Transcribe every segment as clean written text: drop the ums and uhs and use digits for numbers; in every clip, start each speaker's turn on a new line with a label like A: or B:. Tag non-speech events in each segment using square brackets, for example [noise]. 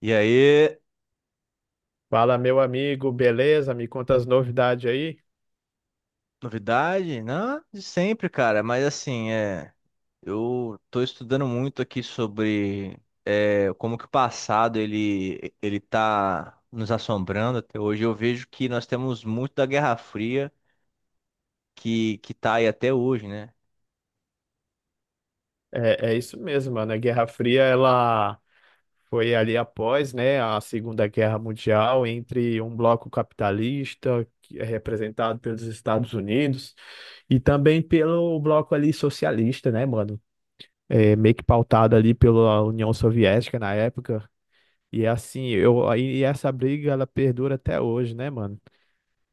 A: E aí,
B: Fala, meu amigo, beleza? Me conta as novidades aí.
A: novidade? Não, de sempre, cara. Mas assim, eu tô estudando muito aqui sobre como que o passado ele tá nos assombrando até hoje. Eu vejo que nós temos muito da Guerra Fria que tá aí até hoje, né?
B: É isso mesmo, mano. A Guerra Fria, ela foi ali após, né, a Segunda Guerra Mundial, entre um bloco capitalista, que é representado pelos Estados Unidos, e também pelo bloco ali socialista, né, mano? Meio que pautado ali pela União Soviética na época. E assim, aí essa briga, ela perdura até hoje, né, mano?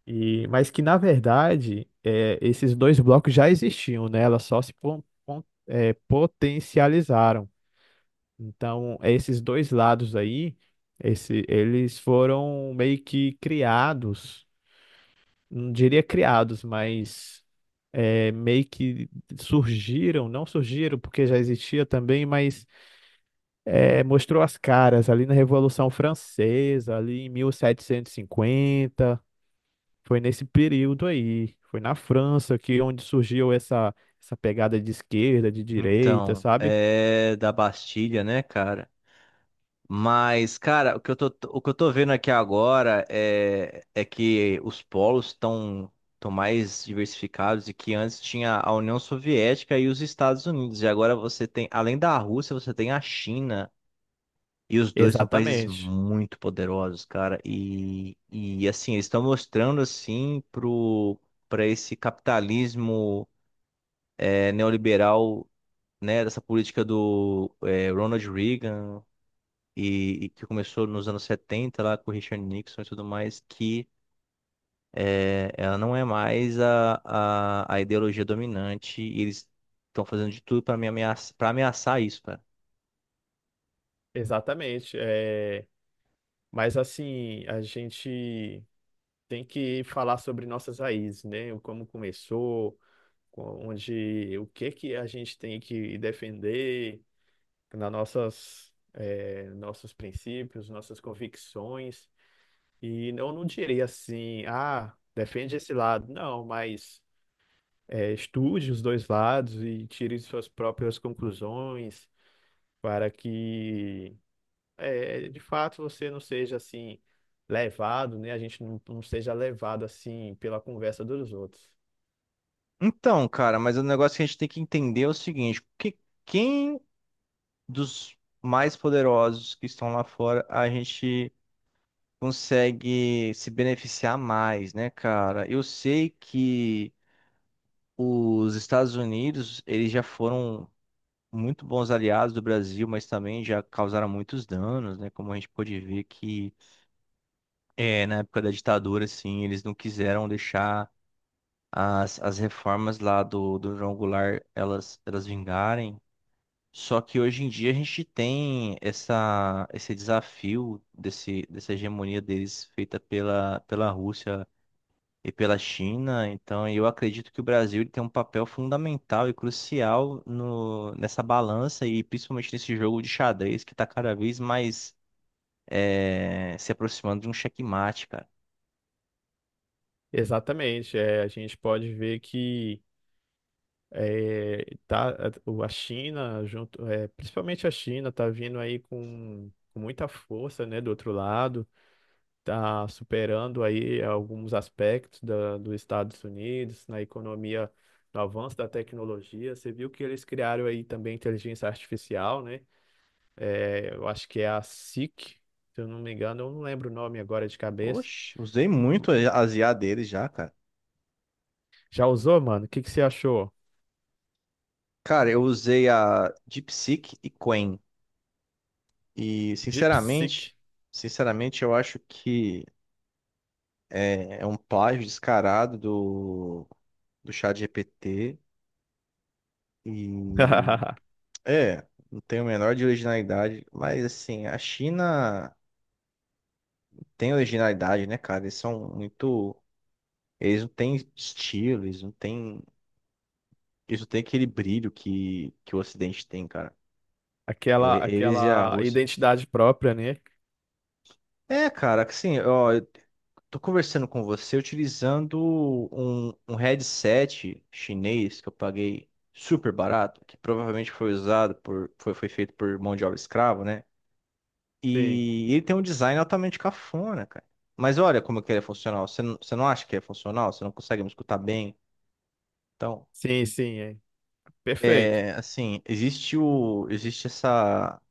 B: E, mas que, na verdade, esses dois blocos já existiam, né? Elas só se potencializaram. Então, esses dois lados aí, eles foram meio que criados, não diria criados, mas é, meio que surgiram, não surgiram porque já existia também, mas mostrou as caras ali na Revolução Francesa, ali em 1750. Foi nesse período aí, foi na França que onde surgiu essa pegada de esquerda, de direita,
A: Então,
B: sabe?
A: é da Bastilha, né, cara? Mas, cara, o que eu tô vendo aqui agora é que os polos estão mais diversificados e que antes tinha a União Soviética e os Estados Unidos. E agora você tem, além da Rússia, você tem a China. E os dois são países
B: Exatamente,
A: muito poderosos, cara. E assim, eles estão mostrando, assim, para esse capitalismo neoliberal, né, dessa política do Ronald Reagan e que começou nos anos 70 lá com o Richard Nixon e tudo mais, que ela não é mais a ideologia dominante e eles estão fazendo de tudo para me ameaçar, para ameaçar isso, cara.
B: exatamente. Mas assim, a gente tem que falar sobre nossas raízes, né? O Como começou, onde, o que que a gente tem que defender nas nossas, nossos princípios, nossas convicções. E eu não diria assim, ah, defende esse lado. Não, mas estude os dois lados e tire suas próprias conclusões para que, de fato, você não seja assim levado, né? A gente não seja levado assim pela conversa dos outros.
A: Então, cara, mas o negócio que a gente tem que entender é o seguinte, que quem dos mais poderosos que estão lá fora a gente consegue se beneficiar mais, né, cara? Eu sei que os Estados Unidos, eles já foram muito bons aliados do Brasil, mas também já causaram muitos danos, né? Como a gente pôde ver que na época da ditadura, assim, eles não quiseram deixar as reformas lá do João Goulart elas vingarem. Só que hoje em dia a gente tem esse desafio dessa hegemonia deles feita pela Rússia e pela China. Então, eu acredito que o Brasil ele tem um papel fundamental e crucial no, nessa balança e principalmente nesse jogo de xadrez que está cada vez mais se aproximando de um checkmate, cara.
B: Exatamente. A gente pode ver que é, tá, a China, junto, principalmente a China, está vindo aí com muita força, né, do outro lado está superando aí alguns aspectos dos Estados Unidos na economia, no avanço da tecnologia. Você viu que eles criaram aí também inteligência artificial, né? É, eu acho que é a SIC, se eu não me engano, eu não lembro o nome agora de cabeça.
A: Oxe, usei muito as IA deles já, cara.
B: Já usou, mano? O que que você achou?
A: Cara, eu usei a DeepSeek e Qwen. E,
B: DeepSeek.
A: sinceramente, eu acho que é um plágio descarado do ChatGPT. E
B: [laughs]
A: é, não tem o menor de originalidade, mas assim, a China tem originalidade, né, cara? Eles são muito. Eles não têm estilo, eles não têm. Eles não têm aquele brilho que o Ocidente tem, cara. É,
B: Aquela,
A: eles e a
B: aquela
A: Rússia.
B: identidade própria, né?
A: É, cara, assim, ó, eu tô conversando com você utilizando um headset chinês que eu paguei super barato, que provavelmente foi usado por. Foi feito por mão de obra escrava, né?
B: Sim,
A: E ele tem um design altamente cafona, cara. Mas olha como que ele é funcional. Você não acha que é funcional? Você não consegue me escutar bem? Então,
B: sim, sim, é. Perfeito.
A: é, assim, existe essa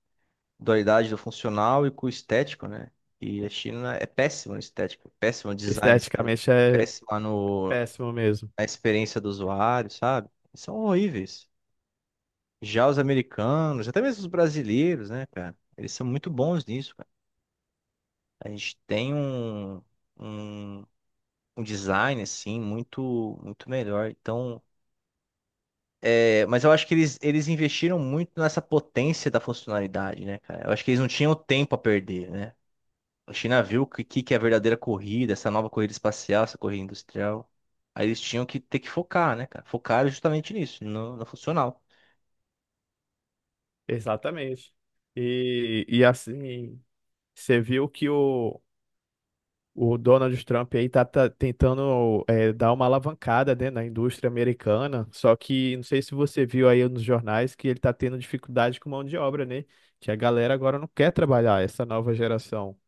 A: dualidade do funcional e com o estético, né? E a China é péssima no estético, péssima no design estético,
B: Esteticamente é
A: péssima no,
B: péssimo mesmo.
A: na experiência do usuário, sabe? Eles são horríveis. Já os americanos, até mesmo os brasileiros, né, cara? Eles são muito bons nisso, cara. A gente tem um- um design assim muito melhor. Então, é, mas eu acho que eles investiram muito nessa potência da funcionalidade, né, cara? Eu acho que eles não tinham tempo a perder, né? A China viu o que, que é a verdadeira corrida, essa nova corrida espacial, essa corrida industrial. Aí eles tinham que ter que focar, né, cara? Focaram justamente nisso, no funcional.
B: Exatamente. E assim, você viu o Donald Trump aí tá tentando dar uma alavancada, né, na indústria americana, só que não sei se você viu aí nos jornais que ele tá tendo dificuldade com mão de obra, né? Que a galera agora não quer trabalhar, essa nova geração.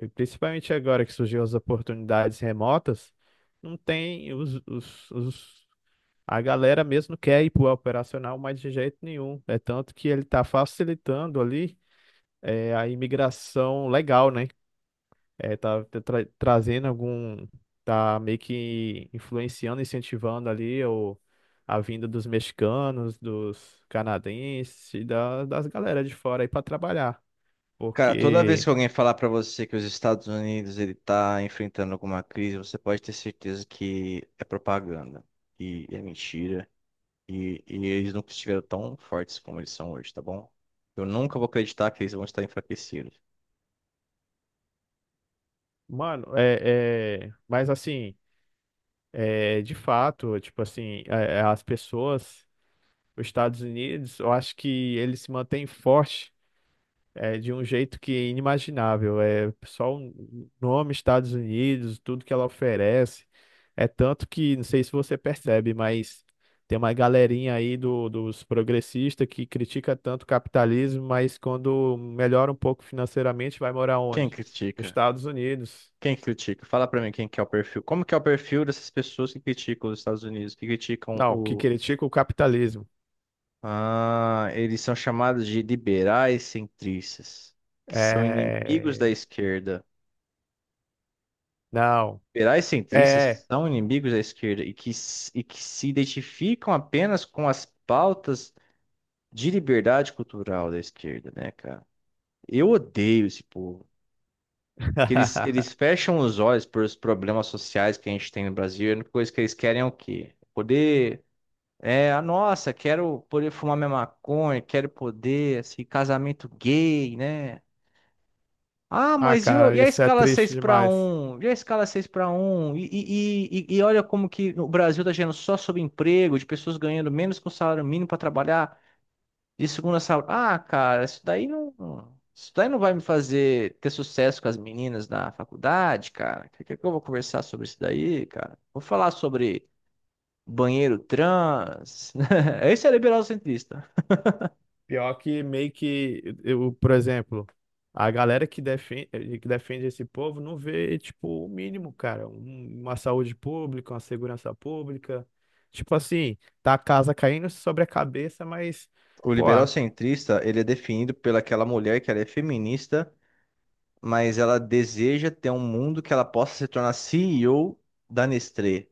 B: E principalmente agora que surgiu as oportunidades remotas, não tem a galera mesmo não quer ir para o operacional mais de jeito nenhum. É tanto que ele está facilitando ali a imigração legal, né? Trazendo tá meio que influenciando, incentivando ali a vinda dos mexicanos, dos canadenses e das galera de fora aí para trabalhar.
A: Cara, toda vez
B: Porque,
A: que alguém falar pra você que os Estados Unidos ele tá enfrentando alguma crise, você pode ter certeza que é propaganda e é mentira. E eles nunca estiveram tão fortes como eles são hoje, tá bom? Eu nunca vou acreditar que eles vão estar enfraquecidos.
B: mano, mas assim, de fato, tipo assim, as pessoas, os Estados Unidos, eu acho que ele se mantém forte de um jeito que é inimaginável. É só o nome Estados Unidos, tudo que ela oferece. É tanto que, não sei se você percebe, mas tem uma galerinha aí dos progressistas que critica tanto o capitalismo, mas quando melhora um pouco financeiramente, vai morar
A: Quem
B: onde? Nos
A: critica?
B: Estados Unidos.
A: Quem critica? Fala pra mim quem que é o perfil. Como que é o perfil dessas pessoas que criticam os Estados Unidos, que criticam
B: Não, que
A: o...
B: critica o capitalismo.
A: Ah, eles são chamados de liberais centristas, que são inimigos da
B: É.
A: esquerda.
B: Não.
A: Liberais centristas
B: É.
A: são inimigos da esquerda e e que se identificam apenas com as pautas de liberdade cultural da esquerda, né, cara? Eu odeio esse povo. Que
B: [laughs]
A: eles fecham os olhos para os problemas sociais que a gente tem no Brasil. E a única coisa que eles querem é o quê? Poder. É, a nossa, quero poder fumar minha maconha, quero poder, assim, casamento gay, né? Ah,
B: Ah, cara,
A: e a
B: isso é
A: escala 6
B: triste
A: para
B: demais.
A: um? E a escala 6 para um? E olha como que o Brasil tá gerando só sobre emprego, de pessoas ganhando menos que o salário mínimo para trabalhar. De segunda saúde. Ah, cara, isso daí não. Isso daí não vai me fazer ter sucesso com as meninas da faculdade, cara. O que que eu vou conversar sobre isso daí, cara? Vou falar sobre banheiro trans. [laughs] Esse é liberal centrista.
B: Pior que meio que eu, por exemplo, a galera que defende esse povo não vê, tipo, o mínimo, cara, uma saúde pública, uma segurança pública. Tipo assim, tá a casa caindo sobre a cabeça, mas,
A: O
B: pô,
A: liberal centrista, ele é definido pelaquela mulher que ela é feminista, mas ela deseja ter um mundo que ela possa se tornar CEO da Nestlé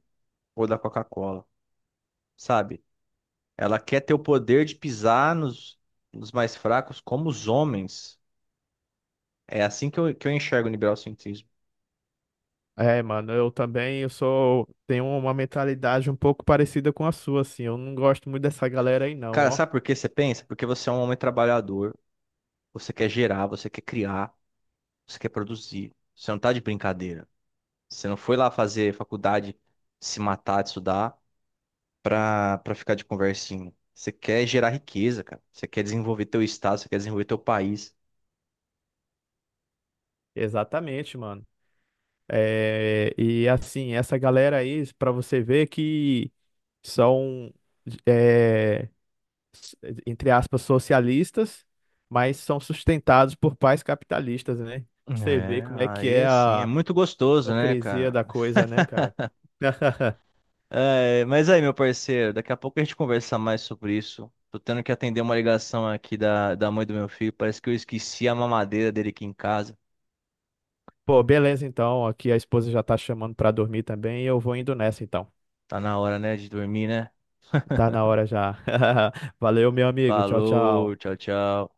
A: ou da Coca-Cola, sabe? Ela quer ter o poder de pisar nos mais fracos como os homens. É assim que que eu enxergo o liberal-cientismo.
B: é, mano, eu também, eu sou, tenho uma mentalidade um pouco parecida com a sua, assim, eu não gosto muito dessa galera aí não,
A: Cara,
B: ó.
A: sabe por que você pensa? Porque você é um homem trabalhador, você quer gerar, você quer criar, você quer produzir. Você não tá de brincadeira. Você não foi lá fazer faculdade, se matar, de estudar, pra ficar de conversinha. Você quer gerar riqueza, cara. Você quer desenvolver teu estado, você quer desenvolver teu país.
B: Exatamente, mano. É, e assim, essa galera aí, para você ver que são, é, s- entre aspas, socialistas, mas são sustentados por pais capitalistas, né? Você vê
A: É,
B: como é que
A: aí
B: é
A: assim, é
B: a
A: muito gostoso, né,
B: hipocrisia
A: cara?
B: da coisa, né, cara? [laughs]
A: É, mas aí, meu parceiro, daqui a pouco a gente conversa mais sobre isso. Tô tendo que atender uma ligação aqui da mãe do meu filho. Parece que eu esqueci a mamadeira dele aqui em casa.
B: Pô, beleza então. Aqui a esposa já tá chamando pra dormir também. Eu vou indo nessa então.
A: Tá na hora, né, de dormir, né?
B: Tá na hora já. [laughs] Valeu, meu amigo. Tchau,
A: Falou,
B: tchau.
A: tchau, tchau.